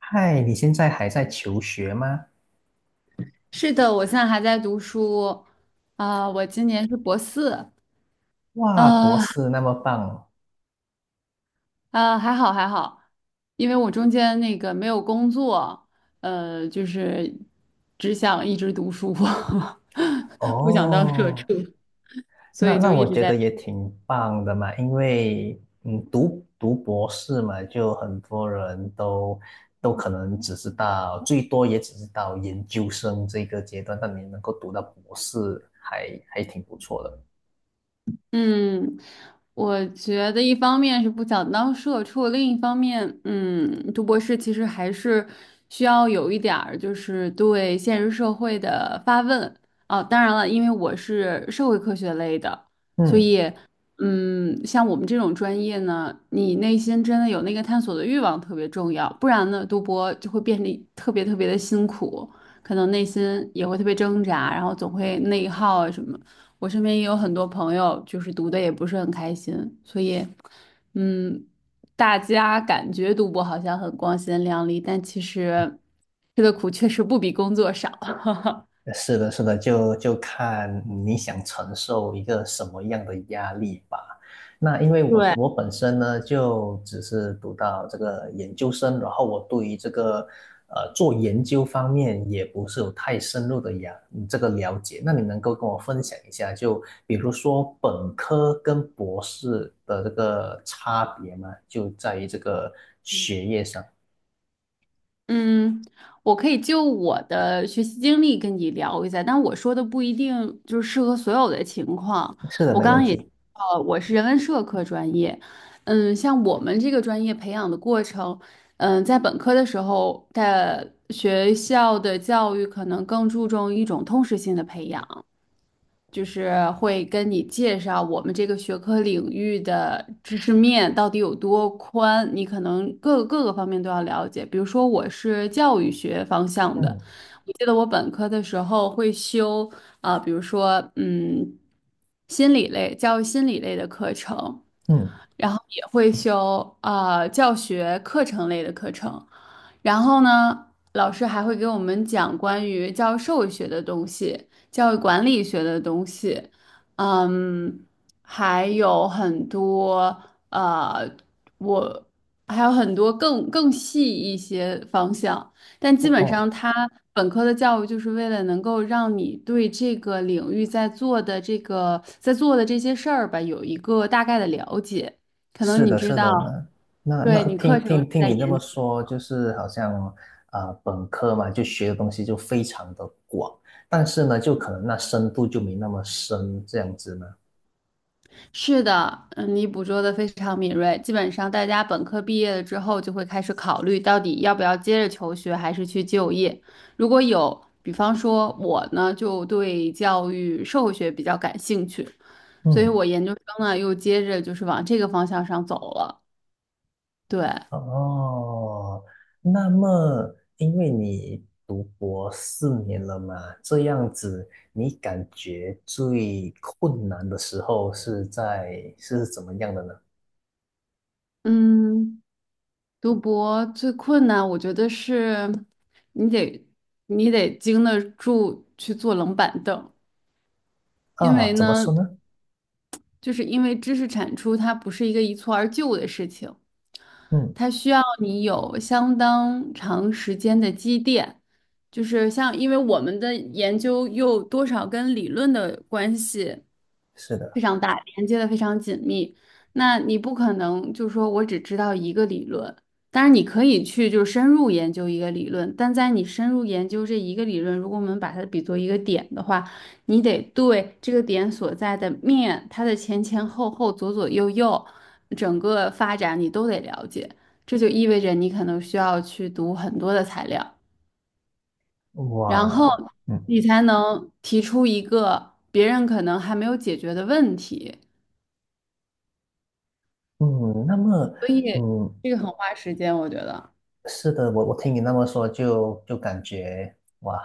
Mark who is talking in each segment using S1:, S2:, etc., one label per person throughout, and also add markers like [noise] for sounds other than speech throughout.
S1: 嗨，你现在还在求学吗？
S2: 是的，我现在还在读书，我今年是博四，
S1: 哇，博
S2: 呃
S1: 士那么棒
S2: 还好还好，因为我中间那个没有工作，就是只想一直读书，[laughs] 不想当社
S1: 哦，
S2: 畜，所
S1: 那
S2: 以
S1: 那
S2: 就一
S1: 我
S2: 直
S1: 觉得
S2: 在。
S1: 也挺棒的嘛，因为读博士嘛，就很多人都可能只知道，最多也只知道研究生这个阶段，但你能够读到博士还挺不错的。
S2: 嗯，我觉得一方面是不想当社畜，另一方面，嗯，读博士其实还是需要有一点儿就是对现实社会的发问哦。当然了，因为我是社会科学类的，所
S1: 嗯。
S2: 以，嗯，像我们这种专业呢，你内心真的有那个探索的欲望特别重要，不然呢，读博就会变得特别特别的辛苦，可能内心也会特别挣扎，然后总会内耗啊什么。我身边也有很多朋友，就是读的也不是很开心，所以，嗯，大家感觉读博好像很光鲜亮丽，但其实吃的苦确实不比工作少。[laughs]
S1: 是的，是的，就看你想承受一个什么样的压力吧。那因为我
S2: 对。
S1: 我本身呢，就只是读到这个研究生，然后我对于这个做研究方面也不是有太深入的呀这个了解。那你能够跟我分享一下，就比如说本科跟博士的这个差别吗？就在于这个嗯学业上。
S2: 嗯，我可以就我的学习经历跟你聊一下，但我说的不一定就是适合所有的情况。
S1: 是的，
S2: 我
S1: 没
S2: 刚
S1: 问
S2: 刚也
S1: 题。
S2: 我是人文社科专业，嗯，像我们这个专业培养的过程，嗯，在本科的时候，的学校的教育可能更注重一种通识性的培养，就是会跟你介绍我们这个学科领域的知识面到底有多宽，你可能各个方面都要了解。比如说，我是教育学方向的，
S1: 嗯
S2: 我记得我本科的时候会修比如说嗯，心理类、教育心理类的课程，
S1: 嗯，
S2: 然后也会修教学课程类的课程，然后呢，老师还会给我们讲关于教授学的东西。教育管理学的东西，嗯，还有很多呃，我还有很多更细一些方向，但
S1: 哦
S2: 基本上
S1: 哦
S2: 它本科的教育就是为了能够让你对这个领域在做的这些事儿吧，有一个大概的了解，可能
S1: 是
S2: 你
S1: 的，
S2: 知
S1: 是
S2: 道。
S1: 的呢。那
S2: 对，
S1: 那
S2: 你课
S1: 听
S2: 程
S1: 听
S2: 是
S1: 听
S2: 在
S1: 你这
S2: 研
S1: 么说，就是好像本科嘛，就学的东西就非常的广，但是呢，就可能那深度就没那么深，这样子呢。
S2: 是的，嗯，你捕捉的非常敏锐。基本上，大家本科毕业了之后，就会开始考虑到底要不要接着求学，还是去就业。如果有，比方说我呢，就对教育社会学比较感兴趣，所以
S1: 嗯，
S2: 我研究生呢又接着就是往这个方向上走了。对，
S1: 哦，那么因为你读博四年了嘛，这样子，你感觉最困难的时候是在是怎么样的呢？
S2: 嗯，读博最困难，我觉得是你得你得经得住去坐冷板凳。因
S1: 啊，
S2: 为
S1: 怎么
S2: 呢，
S1: 说呢？
S2: 就是因为知识产出它不是一个一蹴而就的事情，
S1: 嗯，
S2: 它需要你有相当长时间的积淀。就是像，因为我们的研究又多少跟理论的关系
S1: 是
S2: 非
S1: 的，
S2: 常大，连接的非常紧密。那你不可能就说我只知道一个理论，当然你可以去就是深入研究一个理论，但在你深入研究这一个理论，如果我们把它比作一个点的话，你得对这个点所在的面，它的前前后后、左左右右，整个发展你都得了解。这就意味着你可能需要去读很多的材料，然后
S1: 哇。嗯。
S2: 你才能提出一个别人可能还没有解决的问题。
S1: 嗯，那么，
S2: 所以
S1: 嗯，
S2: 这个很花时间，我觉得。
S1: 是的，我我听你那么说就，就感觉哇，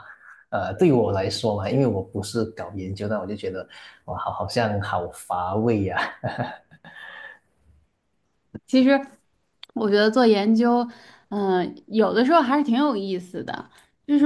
S1: 对于我来说嘛，因为我不是搞研究的，我就觉得哇，好像好乏味呀、[laughs]
S2: 其实我觉得做研究，嗯、有的时候还是挺有意思的。就是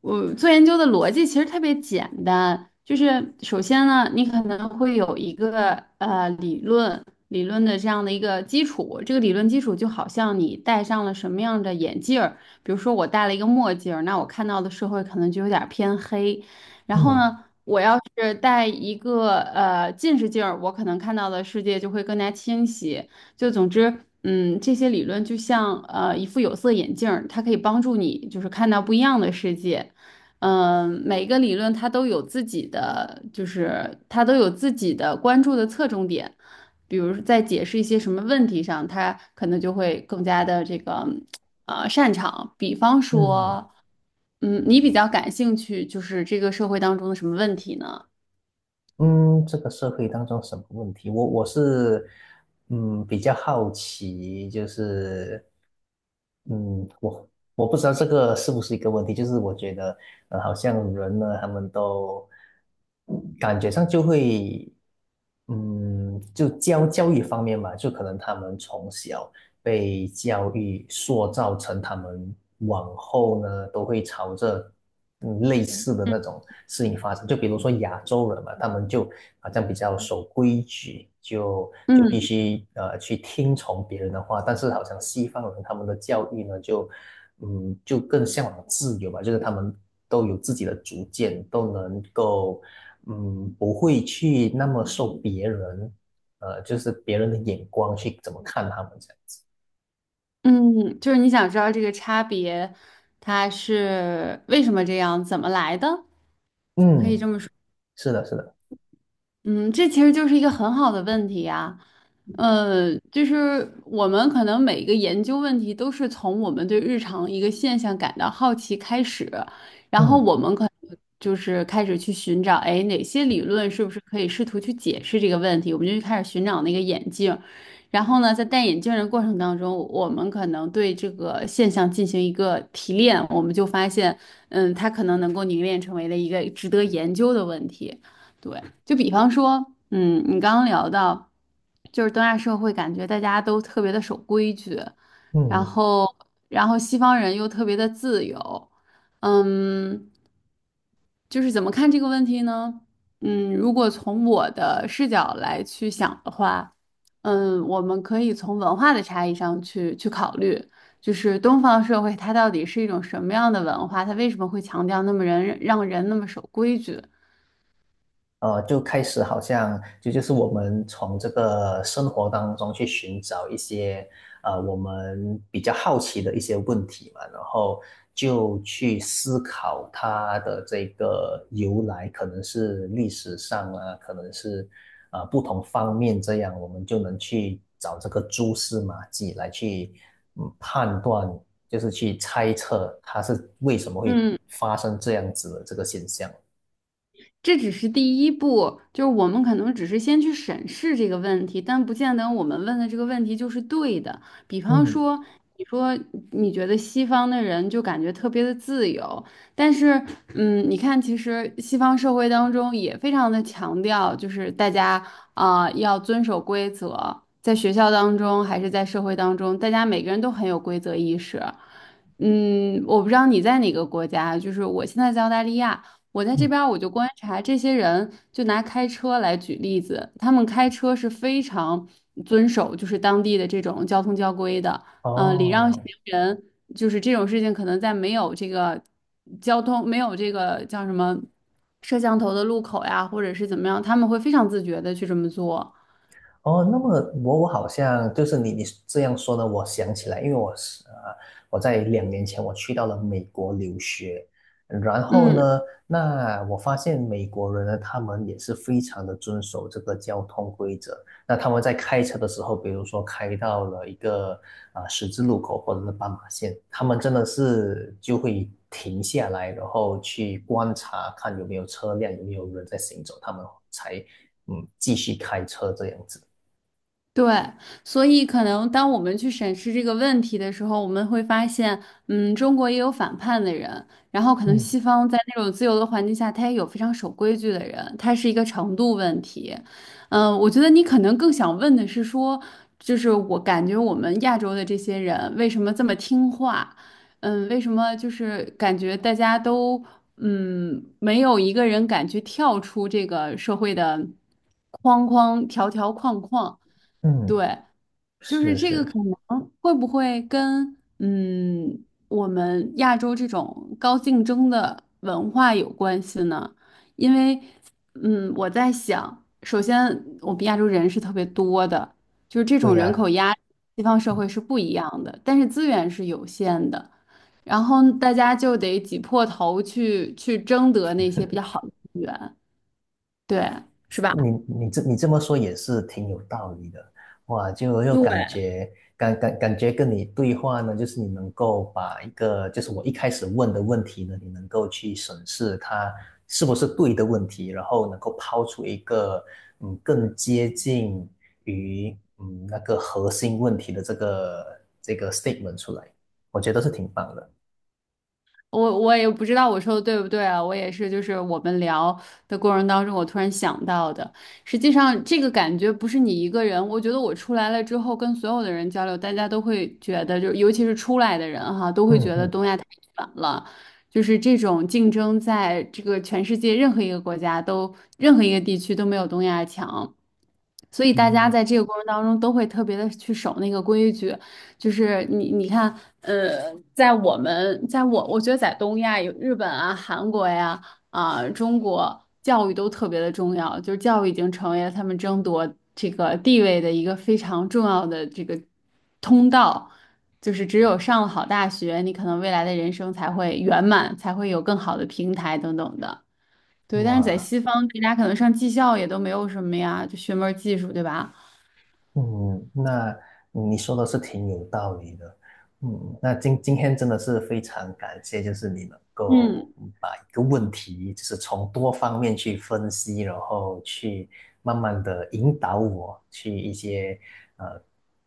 S2: 我做研究的逻辑其实特别简单，就是首先呢，你可能会有一个呃理论理论的这样的一个基础，这个理论基础就好像你戴上了什么样的眼镜儿，比如说我戴了一个墨镜儿，那我看到的社会可能就有点儿偏黑。然后
S1: 嗯
S2: 呢，我要是戴一个近视镜儿，我可能看到的世界就会更加清晰。就总之，嗯，这些理论就像一副有色眼镜儿，它可以帮助你就是看到不一样的世界。嗯、每个理论它都有自己的，就是它都有自己的关注的侧重点。比如说在解释一些什么问题上，它可能就会更加的这个擅长。比方
S1: 嗯，
S2: 说，嗯，你比较感兴趣，就是这个社会当中的什么问题呢？
S1: 嗯，这个社会当中什么问题？我是嗯比较好奇，就是嗯我我不知道这个是不是一个问题，就是我觉得好像人呢，他们都感觉上就会嗯就教育方面嘛，就可能他们从小。被教育塑造成他们往后呢都会朝着嗯类似的那种事情发展。就比如说亚洲人嘛，他们就好像比较守规矩，就必
S2: 嗯，
S1: 须去听从别人的话。但是好像西方人他们的教育呢，就嗯就更向往自由吧，就是他们都有自己的主见，都能够嗯不会去那么受别人。就是别人的眼光去怎么看他们这样子。
S2: 嗯，就是你想知道这个差别，它是为什么这样，怎么来的？可以
S1: 嗯，
S2: 这么说。
S1: 是的，是的，
S2: 嗯，这其实就是一个很好的问题呀。呃，就是我们可能每一个研究问题都是从我们对日常一个现象感到好奇开始，然后
S1: 嗯
S2: 我们可能就是开始去寻找，哎，哪些理论是不是可以试图去解释这个问题？我们就开始寻找那个眼镜。然后呢，在戴眼镜的过程当中，我们可能对这个现象进行一个提炼，我们就发现，嗯，它可能能够凝练成为了一个值得研究的问题。对。就比方说，嗯，你刚刚聊到，就是东亚社会感觉大家都特别的守规矩，然
S1: 嗯。
S2: 后，然后西方人又特别的自由，嗯，就是怎么看这个问题呢？嗯，如果从我的视角来去想的话，嗯，我们可以从文化的差异上去考虑，就是东方社会它到底是一种什么样的文化，它为什么会强调那么人让人那么守规矩？
S1: 就开始好像就是我们从这个生活当中去寻找一些我们比较好奇的一些问题嘛，然后就去思考它的这个由来，可能是历史上啊，可能是啊不同方面，这样我们就能去找这个蛛丝马迹来去嗯判断，就是去猜测它是为什么会
S2: 嗯
S1: 发生这样子的这个现象。
S2: 这只是第一步，就是我们可能只是先去审视这个问题，但不见得我们问的这个问题就是对的。比方
S1: 嗯
S2: 说，你说你觉得西方的人就感觉特别的自由，但是，嗯，你看，其实西方社会当中也非常的强调，就是大家要遵守规则，在学校当中还是在社会当中，大家每个人都很有规则意识。嗯，我不知道你在哪个国家，就是我现在在澳大利亚。我在这
S1: 嗯，
S2: 边儿我就观察这些人，就拿开车来举例子，他们开车是非常遵守就是当地的这种交通交规的，嗯，礼让行
S1: 哦，
S2: 人，就是这种事情可能在没有这个叫什么摄像头的路口呀，或者是怎么样，他们会非常自觉的去这么做。
S1: 哦，那么我好像就是你这样说呢，我想起来，因为我是我在2年前我去到了美国留学，然后
S2: 嗯，
S1: 呢，那我发现美国人呢，他们也是非常的遵守这个交通规则。那他们在开车的时候，比如说开到了一个啊、十字路口或者是斑马线，他们真的是就会停下来，然后去观察看有没有车辆，有没有人在行走，他们才嗯继续开车这样子。
S2: 对，所以可能当我们去审视这个问题的时候，我们会发现，嗯，中国也有反叛的人，然后可能
S1: 嗯
S2: 西方在那种自由的环境下，他也有非常守规矩的人，他是一个程度问题。嗯，我觉得你可能更想问的是说，就是我感觉我们亚洲的这些人为什么这么听话？嗯，为什么就是感觉大家都嗯没有一个人敢去跳出这个社会的框框条条框框？
S1: 嗯，
S2: 对，就是
S1: 是
S2: 这个可
S1: 是，
S2: 能会不会跟嗯我们亚洲这种高竞争的文化有关系呢？因为嗯我在想，首先我们亚洲人是特别多的，就是这
S1: 对
S2: 种人
S1: 呀，
S2: 口压力西方社会是不一样的，但是资源是有限的，然后大家就得挤破头去争得那些比较好的资源，对，是吧？
S1: 你你这么说也是挺有道理的，哇，就又
S2: 对，
S1: 感觉感觉跟你对话呢，就是你能够把一个就是我一开始问的问题呢，你能够去审视它是不是对的问题，然后能够抛出一个嗯更接近于嗯那个核心问题的这个 statement 出来，我觉得是挺棒的。
S2: 我也不知道我说的对不对啊，我也是，就是我们聊的过程当中，我突然想到的。实际上，这个感觉不是你一个人，我觉得我出来了之后，跟所有的人交流，大家都会觉得，就尤其是出来的人哈，都会
S1: 嗯
S2: 觉得
S1: 嗯
S2: 东亚太卷了，就是这种竞争，在这个全世界任何一个国家都，任何一个地区都没有东亚强。所以大家
S1: 嗯，
S2: 在这个过程当中都会特别的去守那个规矩，就是你看，呃，在我们在我我觉得在东亚有日本啊、韩国呀、啊、中国，教育都特别的重要，就是教育已经成为了他们争夺这个地位的一个非常重要的这个通道，就是只有上了好大学，你可能未来的人生才会圆满，才会有更好的平台等等的。对，但是在
S1: 哇。
S2: 西方，大家可能上技校也都没有什么呀，就学门儿技术，对吧？
S1: 嗯，那你说的是挺有道理的。嗯，那今天真的是非常感谢，就是你能够
S2: 嗯
S1: 嗯把一个问题，就是从多方面去分析，然后去慢慢的引导我去一些呃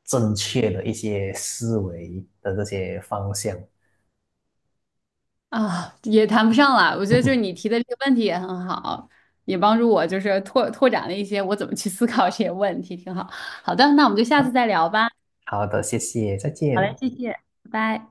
S1: 正确的一些思维的这些方向。
S2: 啊，也谈不上了。我觉得就是你
S1: [laughs]
S2: 提的这个问题也很好，也帮助我就是拓展了一些我怎么去思考这些问题，挺好。好的，那我们就下次再聊吧，
S1: 好的，谢谢，再见。
S2: 拜拜。